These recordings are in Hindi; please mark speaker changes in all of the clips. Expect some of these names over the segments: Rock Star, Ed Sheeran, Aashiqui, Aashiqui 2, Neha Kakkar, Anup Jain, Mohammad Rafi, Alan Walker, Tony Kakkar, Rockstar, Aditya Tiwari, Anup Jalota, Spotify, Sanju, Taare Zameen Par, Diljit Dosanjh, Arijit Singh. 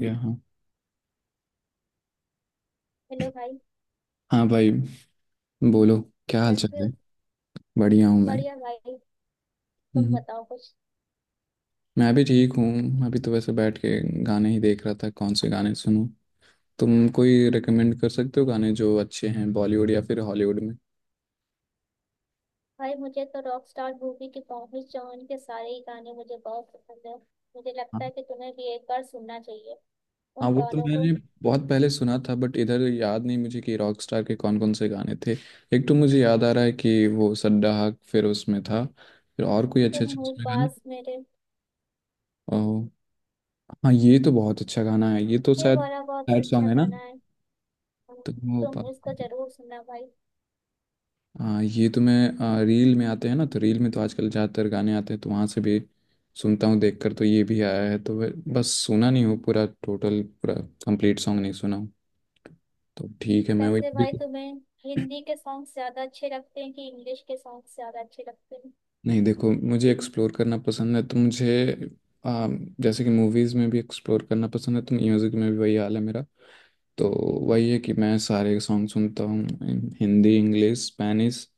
Speaker 1: या हाँ।
Speaker 2: हेलो भाई।
Speaker 1: हाँ भाई, बोलो। क्या हाल
Speaker 2: कैसे
Speaker 1: चाल है?
Speaker 2: हो।
Speaker 1: बढ़िया हूँ मैं।
Speaker 2: बढ़िया भाई। तुम
Speaker 1: हम्म,
Speaker 2: बताओ कुछ।
Speaker 1: मैं भी ठीक हूँ, अभी तो वैसे बैठ के गाने ही देख रहा था कौन से गाने सुनूं। तुम कोई रिकमेंड कर सकते हो गाने जो अच्छे हैं बॉलीवुड या फिर हॉलीवुड में?
Speaker 2: भाई मुझे तो रॉक स्टार मूवी के पॉम्पी चौहान के सारे ही गाने मुझे बहुत पसंद है। मुझे लगता
Speaker 1: हाँ।
Speaker 2: है कि तुम्हें भी एक बार सुनना चाहिए
Speaker 1: हाँ,
Speaker 2: उन
Speaker 1: वो तो
Speaker 2: गानों को।
Speaker 1: मैंने बहुत पहले सुना था बट इधर याद नहीं मुझे कि रॉक स्टार के कौन कौन से गाने थे। एक तो मुझे याद आ रहा है कि वो सड्डा हक फिर उसमें था। फिर और कोई अच्छे
Speaker 2: तुम
Speaker 1: अच्छे
Speaker 2: हो
Speaker 1: उसमें गाने।
Speaker 2: पास मेरे।
Speaker 1: ओ। हाँ, ये तो बहुत अच्छा गाना है, ये तो
Speaker 2: ये
Speaker 1: शायद
Speaker 2: वाला बहुत
Speaker 1: सैड सॉन्ग
Speaker 2: अच्छा
Speaker 1: है ना।
Speaker 2: गाना है। हाँ।
Speaker 1: तो वो
Speaker 2: तुम इसको जरूर सुनना भाई।
Speaker 1: हाँ, ये तो मैं रील में आते हैं ना, तो रील में तो आजकल ज़्यादातर गाने आते हैं तो वहाँ से भी सुनता हूँ देखकर। तो ये भी आया है, तो बस सुना नहीं हूँ पूरा, टोटल पूरा कंप्लीट सॉन्ग नहीं सुना हूँ। तो ठीक है, मैं वही
Speaker 2: वैसे भाई
Speaker 1: बिल्कुल।
Speaker 2: तुम्हें हिंदी के सॉन्ग ज्यादा अच्छे लगते हैं कि इंग्लिश के सॉन्ग ज्यादा अच्छे लगते हैं।
Speaker 1: नहीं देखो, मुझे एक्सप्लोर करना पसंद है तो मुझे आ, जैसे कि मूवीज़ में भी एक्सप्लोर करना पसंद है तो म्यूज़िक में भी वही हाल है मेरा। तो वही है कि मैं सारे सॉन्ग सुनता हूँ, हिंदी, इंग्लिश, स्पेनिश।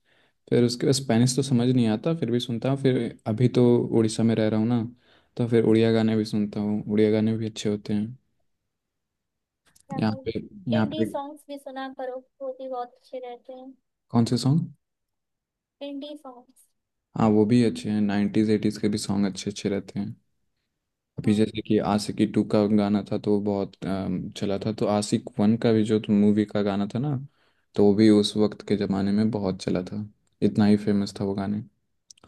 Speaker 1: फिर उसके बाद स्पेनिश तो समझ नहीं आता, फिर भी सुनता हूँ। फिर अभी तो उड़ीसा में रह रहा हूँ ना, तो फिर उड़िया गाने भी सुनता हूँ, उड़िया गाने भी अच्छे होते हैं।
Speaker 2: क्या
Speaker 1: यहाँ पे
Speaker 2: भाई,
Speaker 1: यहाँ
Speaker 2: इंडी
Speaker 1: पे
Speaker 2: सॉन्ग्स भी सुना करो। वो भी बहुत अच्छे रहते हैं।
Speaker 1: कौन से सॉन्ग?
Speaker 2: Indie songs.
Speaker 1: हाँ, वो भी अच्छे हैं। नाइन्टीज एटीज़ के भी सॉन्ग अच्छे अच्छे रहते हैं। अभी
Speaker 2: हाँ।
Speaker 1: जैसे कि आशिकी टू का गाना था, तो वो बहुत चला था। तो आशिक वन का भी जो मूवी का गाना था ना, तो वो भी उस वक्त के ज़माने में बहुत चला था। इतना ही फेमस था वो गाने,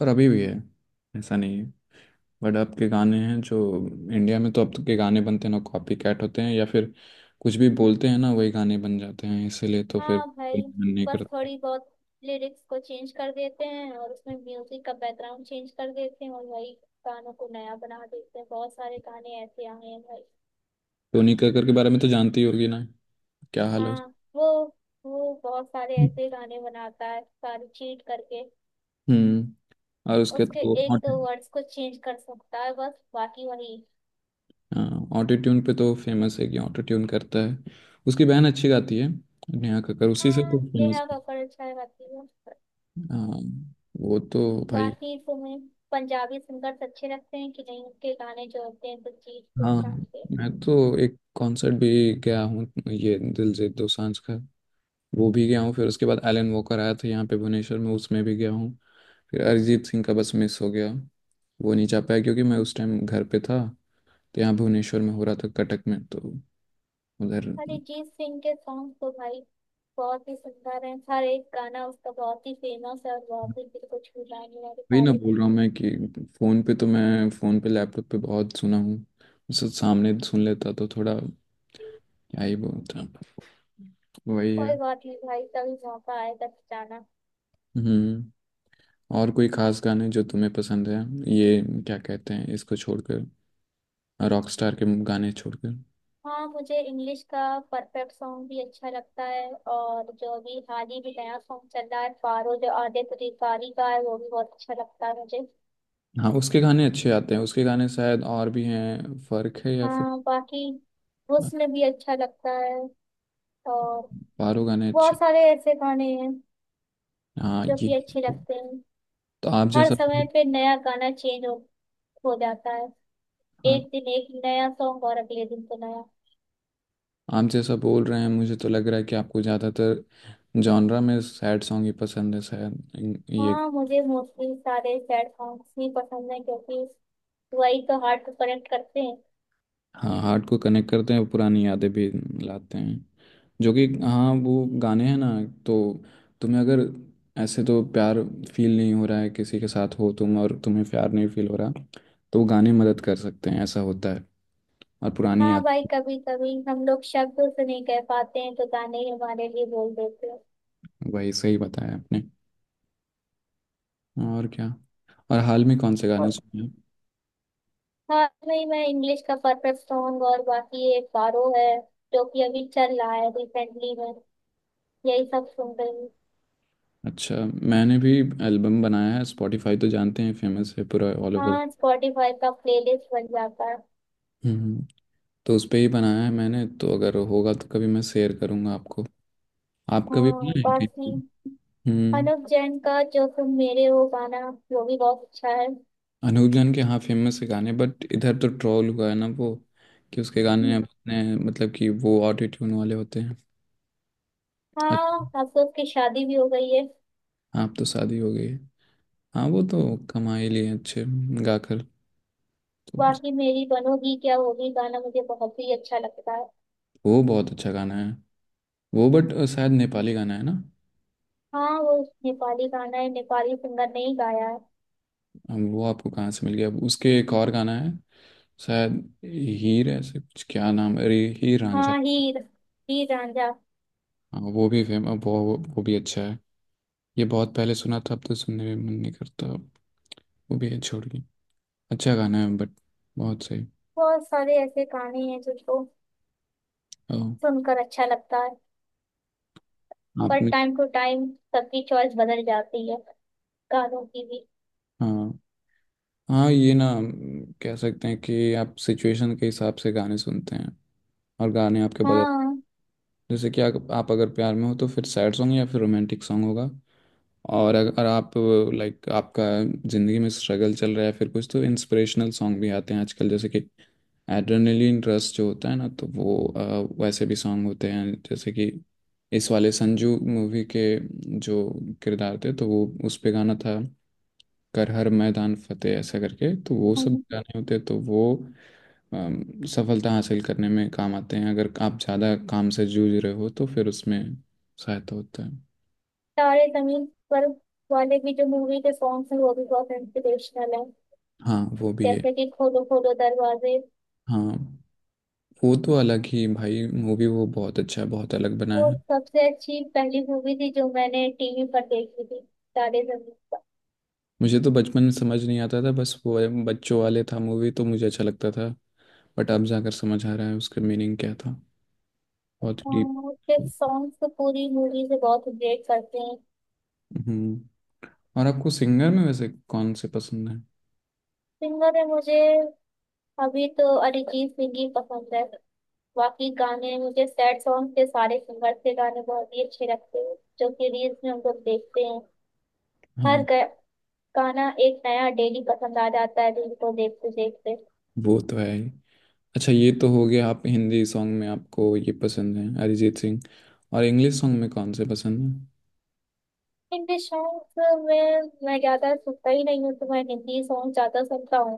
Speaker 1: और अभी भी है, ऐसा नहीं है। बट अब के गाने हैं जो इंडिया में, तो अब के गाने बनते हैं ना, कॉपी कैट होते हैं या फिर कुछ भी बोलते हैं ना, वही गाने बन जाते हैं, इसीलिए तो फिर
Speaker 2: हाँ भाई।
Speaker 1: मन नहीं
Speaker 2: बस
Speaker 1: करता।
Speaker 2: थोड़ी बहुत लिरिक्स को चेंज कर देते हैं और उसमें म्यूजिक का बैकग्राउंड चेंज कर देते हैं और वही गानों को नया बना देते हैं। बहुत सारे गाने ऐसे आए हैं भाई।
Speaker 1: टोनी कक्कर के बारे में तो जानती होगी ना, क्या हाल है उसका।
Speaker 2: हाँ, वो बहुत सारे ऐसे गाने बनाता है सारे चीट करके।
Speaker 1: हम्म और उसके
Speaker 2: उसके
Speaker 1: तो
Speaker 2: एक दो वर्ड्स को चेंज कर सकता है बस बाकी वही।
Speaker 1: ऑटो ट्यून पे तो फेमस है कि ऑटो ट्यून करता है। उसकी बहन अच्छी गाती है, नेहा कक्कर, उसी से
Speaker 2: हाँ,
Speaker 1: तो फेमस
Speaker 2: नेहा
Speaker 1: है।
Speaker 2: कक्कड़ अच्छा गाती है।
Speaker 1: हाँ, वो तो भाई।
Speaker 2: बाकी तुम्हें पंजाबी सिंगर्स अच्छे लगते हैं कि नहीं? उनके गाने जो होते हैं तो जीत के
Speaker 1: हाँ,
Speaker 2: शाम के।
Speaker 1: मैं तो एक कॉन्सर्ट भी गया हूँ ये दिलजीत दोसांझ का, वो भी गया हूँ। फिर उसके बाद एलन वोकर आया था यहाँ पे भुवनेश्वर में, उसमें भी गया हूँ। फिर अरिजीत सिंह का बस मिस हो गया, वो नहीं जा पाया क्योंकि मैं उस टाइम घर पे था। तो यहाँ भुवनेश्वर में हो रहा था, कटक में, तो उधर।
Speaker 2: अरिजीत सिंह के सॉन्ग तो भाई बहुत ही सुंदर है। हर एक गाना उसका बहुत ही फेमस है और बहुत ही दिल को छू जाने वाले
Speaker 1: वही ना
Speaker 2: सारे
Speaker 1: बोल
Speaker 2: गाने।
Speaker 1: रहा हूँ मैं कि फ़ोन पे तो मैं, फ़ोन पे लैपटॉप पे बहुत सुना हूँ, उसे सामने सुन लेता तो थोड़ा क्या ही बोलता। वही
Speaker 2: कोई
Speaker 1: है।
Speaker 2: बात नहीं भाई, कभी मौका आएगा तो जाना।
Speaker 1: हम्म। और कोई खास गाने जो तुम्हें पसंद है, ये क्या कहते हैं, इसको छोड़कर, रॉकस्टार के गाने छोड़कर?
Speaker 2: हाँ, मुझे इंग्लिश का परफेक्ट सॉन्ग भी अच्छा लगता है और जो अभी हाल ही में नया सॉन्ग चल रहा है पारो जो आदित्य तिवारी का है वो भी बहुत अच्छा लगता है मुझे।
Speaker 1: हाँ, उसके गाने अच्छे आते हैं, उसके गाने शायद और भी हैं, फर्क है या फिर
Speaker 2: हाँ बाकी हुस्न भी अच्छा लगता है। और
Speaker 1: पारो। गाने
Speaker 2: बहुत
Speaker 1: अच्छे।
Speaker 2: सारे ऐसे गाने हैं
Speaker 1: हाँ
Speaker 2: जो
Speaker 1: ये।
Speaker 2: कि अच्छे लगते हैं।
Speaker 1: तो आप
Speaker 2: हर
Speaker 1: जैसा।
Speaker 2: समय पे नया गाना चेंज होता हो जाता है।
Speaker 1: हाँ,
Speaker 2: एक दिन एक नया सॉन्ग और अगले दिन तो नया।
Speaker 1: आप जैसा बोल रहे हैं, मुझे तो लग रहा है कि आपको ज़्यादातर जॉनरा में सैड सॉन्ग ही पसंद है शायद ये।
Speaker 2: हाँ, मुझे मोस्टली सारे सैड सॉन्ग्स ही पसंद है, क्योंकि वही तो हार्ट को कनेक्ट करते हैं।
Speaker 1: हाँ, हार्ट को कनेक्ट करते हैं, पुरानी यादें भी लाते हैं, जो कि हाँ वो गाने हैं ना। तो तुम्हें अगर ऐसे तो प्यार फील नहीं हो रहा है, किसी के साथ हो तुम और तुम्हें प्यार नहीं फील हो रहा, तो वो गाने मदद कर सकते हैं, ऐसा होता है। और पुरानी
Speaker 2: हाँ
Speaker 1: याद।
Speaker 2: भाई, कभी कभी हम लोग शब्दों से नहीं कह पाते हैं तो गाने ही हमारे लिए बोल देते हैं।
Speaker 1: वही सही बताया आपने। और क्या, और हाल में कौन से गाने
Speaker 2: और
Speaker 1: सुने हैं?
Speaker 2: हाँ भाई, मैं इंग्लिश का परफेक्ट सॉन्ग और बाकी एक बारो है जो कि अभी चल रहा है रिसेंटली में। यही सब सुन रही हूँ।
Speaker 1: अच्छा। मैंने भी एल्बम बनाया है, स्पॉटिफाई तो जानते हैं, फेमस है पूरा ऑल ओवर।
Speaker 2: हाँ, स्पॉटिफाई का प्लेलिस्ट बन जाता है।
Speaker 1: हम्म। तो उस पे ही बनाया है मैंने, तो अगर होगा तो कभी मैं शेयर करूँगा आपको। आपका भी
Speaker 2: हाँ
Speaker 1: बना है
Speaker 2: बाकी
Speaker 1: क्या? हम्म।
Speaker 2: अनुप जैन का जो तुम मेरे हो गाना वो भी बहुत अच्छा है।
Speaker 1: अनूप जान के हाँ फेमस है गाने, बट इधर तो ट्रोल हुआ है ना वो, कि उसके गाने
Speaker 2: हम्म।
Speaker 1: अब अपने मतलब कि वो ऑटो ट्यून वाले होते हैं।
Speaker 2: हाँ,
Speaker 1: अच्छा।
Speaker 2: अब तो उसकी शादी भी हो गई है।
Speaker 1: आप तो शादी हो गई है। हाँ वो तो कमा ही लिए अच्छे, गाकर। तो
Speaker 2: बाकी मेरी बनोगी क्या होगी गाना मुझे बहुत ही अच्छा लगता है।
Speaker 1: वो बहुत अच्छा गाना है वो, बट शायद नेपाली गाना है ना।
Speaker 2: हाँ वो नेपाली गाना है, नेपाली सिंगर ने ही गाया है।
Speaker 1: अब वो आपको कहाँ से मिल गया? अब उसके एक और गाना है शायद, हीर ऐसे कुछ, क्या नाम है? अरे, हीर रांझा।
Speaker 2: हाँ हीर। हीर रांझा।
Speaker 1: हाँ, वो भी फेमस। वो भी अच्छा है। ये बहुत पहले सुना था, अब तो सुनने में मन नहीं करता अब। वो भी है, छोड़िए। अच्छा गाना है बट। बहुत सही।
Speaker 2: बहुत सारे ऐसे गाने हैं जिनको
Speaker 1: ओ,
Speaker 2: सुनकर अच्छा लगता है। पर
Speaker 1: आपने।
Speaker 2: टाइम टू टाइम सबकी चॉइस बदल जाती है, गानों की भी।
Speaker 1: हाँ। हाँ ये ना कह सकते हैं कि आप सिचुएशन के हिसाब से गाने सुनते हैं और गाने आपके बजाय।
Speaker 2: हाँ।
Speaker 1: जैसे कि आप अगर प्यार में हो तो फिर सैड सॉन्ग या फिर रोमांटिक सॉन्ग होगा। और अगर आप लाइक आपका ज़िंदगी में स्ट्रगल चल रहा है, फिर कुछ तो इंस्पिरेशनल सॉन्ग भी आते हैं आजकल, जैसे कि एड्रेनलिन रश जो होता है ना, तो वो वैसे भी सॉन्ग होते हैं, जैसे कि इस वाले संजू मूवी के, जो किरदार थे तो वो उस पे गाना था, कर हर मैदान फतेह ऐसा करके, तो वो सब
Speaker 2: हम्म।
Speaker 1: गाने होते हैं, तो वो सफलता हासिल करने में काम आते हैं, अगर आप ज़्यादा काम से जूझ रहे हो तो फिर उसमें सहायता होता है।
Speaker 2: तारे जमीन पर वाले भी जो मूवी के सॉन्ग्स हैं वो भी बहुत इंस्पिरेशनल है,
Speaker 1: हाँ वो भी है।
Speaker 2: जैसे कि खोलो खोलो दरवाजे।
Speaker 1: हाँ वो तो अलग ही भाई मूवी, वो बहुत अच्छा, बहुत अलग बना
Speaker 2: वो
Speaker 1: है।
Speaker 2: सबसे अच्छी पहली मूवी थी जो मैंने टीवी पर देखी थी, तारे जमीन पर।
Speaker 1: मुझे तो बचपन में समझ नहीं आता था, बस वो बच्चों वाले था मूवी तो मुझे अच्छा लगता था। बट अब जाकर समझ आ रहा है उसका मीनिंग क्या था, बहुत डीप।
Speaker 2: हाँ, उसके सॉन्ग्स तो पूरी मूवी से बहुत रिलेट करते हैं।
Speaker 1: हम्म। और आपको सिंगर में वैसे कौन से पसंद है?
Speaker 2: सिंगर है मुझे, अभी तो अरिजीत सिंह ही पसंद है। बाकी गाने मुझे सैड सॉन्ग के सारे सिंगर के गाने बहुत ही अच्छे लगते हैं जो कि रील्स में हम लोग देखते हैं। हर
Speaker 1: हाँ
Speaker 2: गा- गाना एक नया डेली पसंद आ जाता है रील को देखते देखते।
Speaker 1: वो तो है ही। अच्छा, ये तो हो गया, आप हिंदी सॉन्ग में आपको ये पसंद है अरिजीत सिंह। और इंग्लिश सॉन्ग में कौन से पसंद है?
Speaker 2: हिंदी सॉन्ग में मैं ज्यादा सुनता ही नहीं हूँ, तो मैं हिंदी सॉन्ग ज्यादा सुनता हूँ।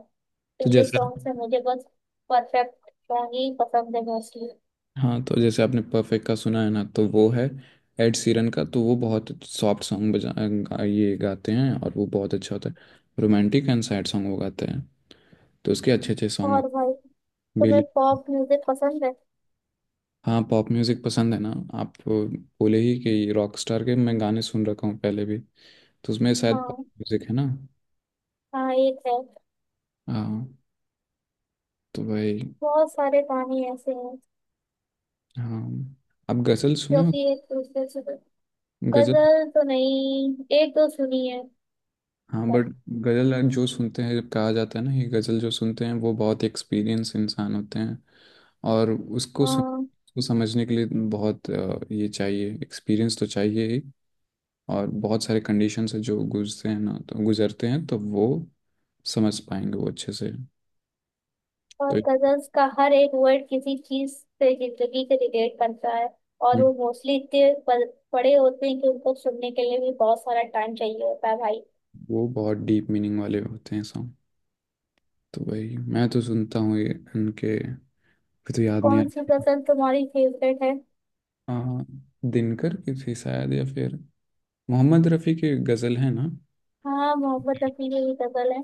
Speaker 1: तो
Speaker 2: इंग्लिश
Speaker 1: जैसे।
Speaker 2: सॉन्ग से मुझे बस परफेक्ट सॉन्ग ही पसंद है मोस्टली।
Speaker 1: हाँ, तो जैसे आपने परफेक्ट का सुना है ना, तो वो है एड सीरन का। तो वो बहुत सॉफ्ट सॉन्ग ये गाते हैं और वो बहुत अच्छा होता है। रोमांटिक एंड सैड सॉन्ग वो गाते हैं, तो उसके अच्छे अच्छे सॉन्ग
Speaker 2: और
Speaker 1: होते
Speaker 2: भाई
Speaker 1: हैं
Speaker 2: तुम्हें
Speaker 1: बेली।
Speaker 2: पॉप म्यूजिक पसंद है?
Speaker 1: हाँ, पॉप म्यूजिक पसंद है ना। आप बोले ही कि रॉक स्टार के मैं गाने सुन रखा हूँ पहले भी, तो उसमें शायद पॉप
Speaker 2: हाँ।
Speaker 1: म्यूजिक है ना।
Speaker 2: हाँ एक है।
Speaker 1: हाँ, तो भाई।
Speaker 2: बहुत सारे गाने ऐसे हैं
Speaker 1: हाँ, आप गज़ल सुने
Speaker 2: जो
Speaker 1: हो?
Speaker 2: कि एक दूसरे से।
Speaker 1: गज़ल।
Speaker 2: गजल तो नहीं, एक दो सुनी है
Speaker 1: हाँ
Speaker 2: पर।
Speaker 1: बट गज़ल जो सुनते हैं, जब कहा जाता है ना ये गज़ल जो सुनते हैं, वो बहुत एक्सपीरियंस इंसान होते हैं। और उसको सुन,
Speaker 2: हाँ।
Speaker 1: उसको समझने के लिए बहुत ये चाहिए, एक्सपीरियंस तो चाहिए ही। और बहुत सारे कंडीशन से जो गुजरते हैं ना तो गुजरते हैं, तो वो समझ पाएंगे वो अच्छे से।
Speaker 2: और
Speaker 1: तो
Speaker 2: गजल्स का हर एक वर्ड किसी चीज से, जिंदगी से रिलेट करता है। और
Speaker 1: हम्म,
Speaker 2: वो मोस्टली इतने बड़े होते हैं कि उनको सुनने के लिए भी बहुत सारा टाइम चाहिए होता है भाई।
Speaker 1: वो बहुत डीप मीनिंग वाले होते हैं सॉन्ग। तो वही मैं तो सुनता हूँ ये उनके। फिर तो याद नहीं आ,
Speaker 2: कौन सी गजल तुम्हारी फेवरेट है?
Speaker 1: आ, दिनकर की थी शायद, या फिर मोहम्मद रफ़ी की गज़ल है ना।
Speaker 2: हाँ, मोहम्मद रफी की भी गजल है।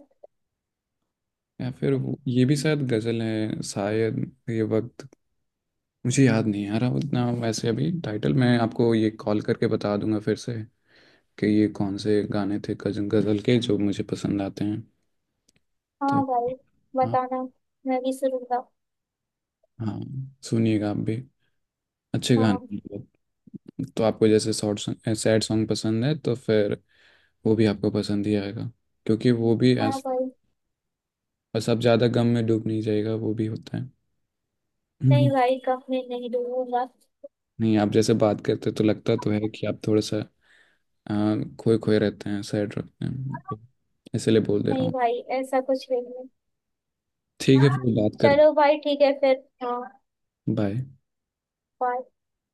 Speaker 1: या फिर वो ये भी शायद गज़ल है, शायद ये वक्त। मुझे याद नहीं आ रहा उतना वैसे अभी टाइटल, मैं आपको ये कॉल करके बता दूंगा फिर से कि ये कौन से गाने थे, गजल गजल के जो मुझे पसंद आते हैं। तो
Speaker 2: हाँ भाई,
Speaker 1: हाँ।
Speaker 2: बताना, मैं भी सुनूंगा।
Speaker 1: हाँ, सुनिएगा आप भी, अच्छे
Speaker 2: हाँ।
Speaker 1: गाने हैं बहुत। तो आपको जैसे शॉर्ट सैड सॉन्ग पसंद है, तो फिर वो भी आपको पसंद ही आएगा, क्योंकि वो भी
Speaker 2: हाँ भाई।
Speaker 1: बस आप ज़्यादा गम में डूब नहीं जाएगा, वो भी होता है।
Speaker 2: नहीं
Speaker 1: हम्म।
Speaker 2: भाई, कब मैं नहीं डूबूंगा।
Speaker 1: नहीं, आप जैसे बात करते तो लगता तो है कि आप थोड़ा सा आ, खोए खोए रहते हैं, सैड रहते हैं, इसलिए बोल दे रहा
Speaker 2: नहीं
Speaker 1: हूँ।
Speaker 2: भाई ऐसा कुछ नहीं है।
Speaker 1: ठीक है, फिर बात करते।
Speaker 2: चलो भाई ठीक है फिर। हाँ।
Speaker 1: बाय।
Speaker 2: bye.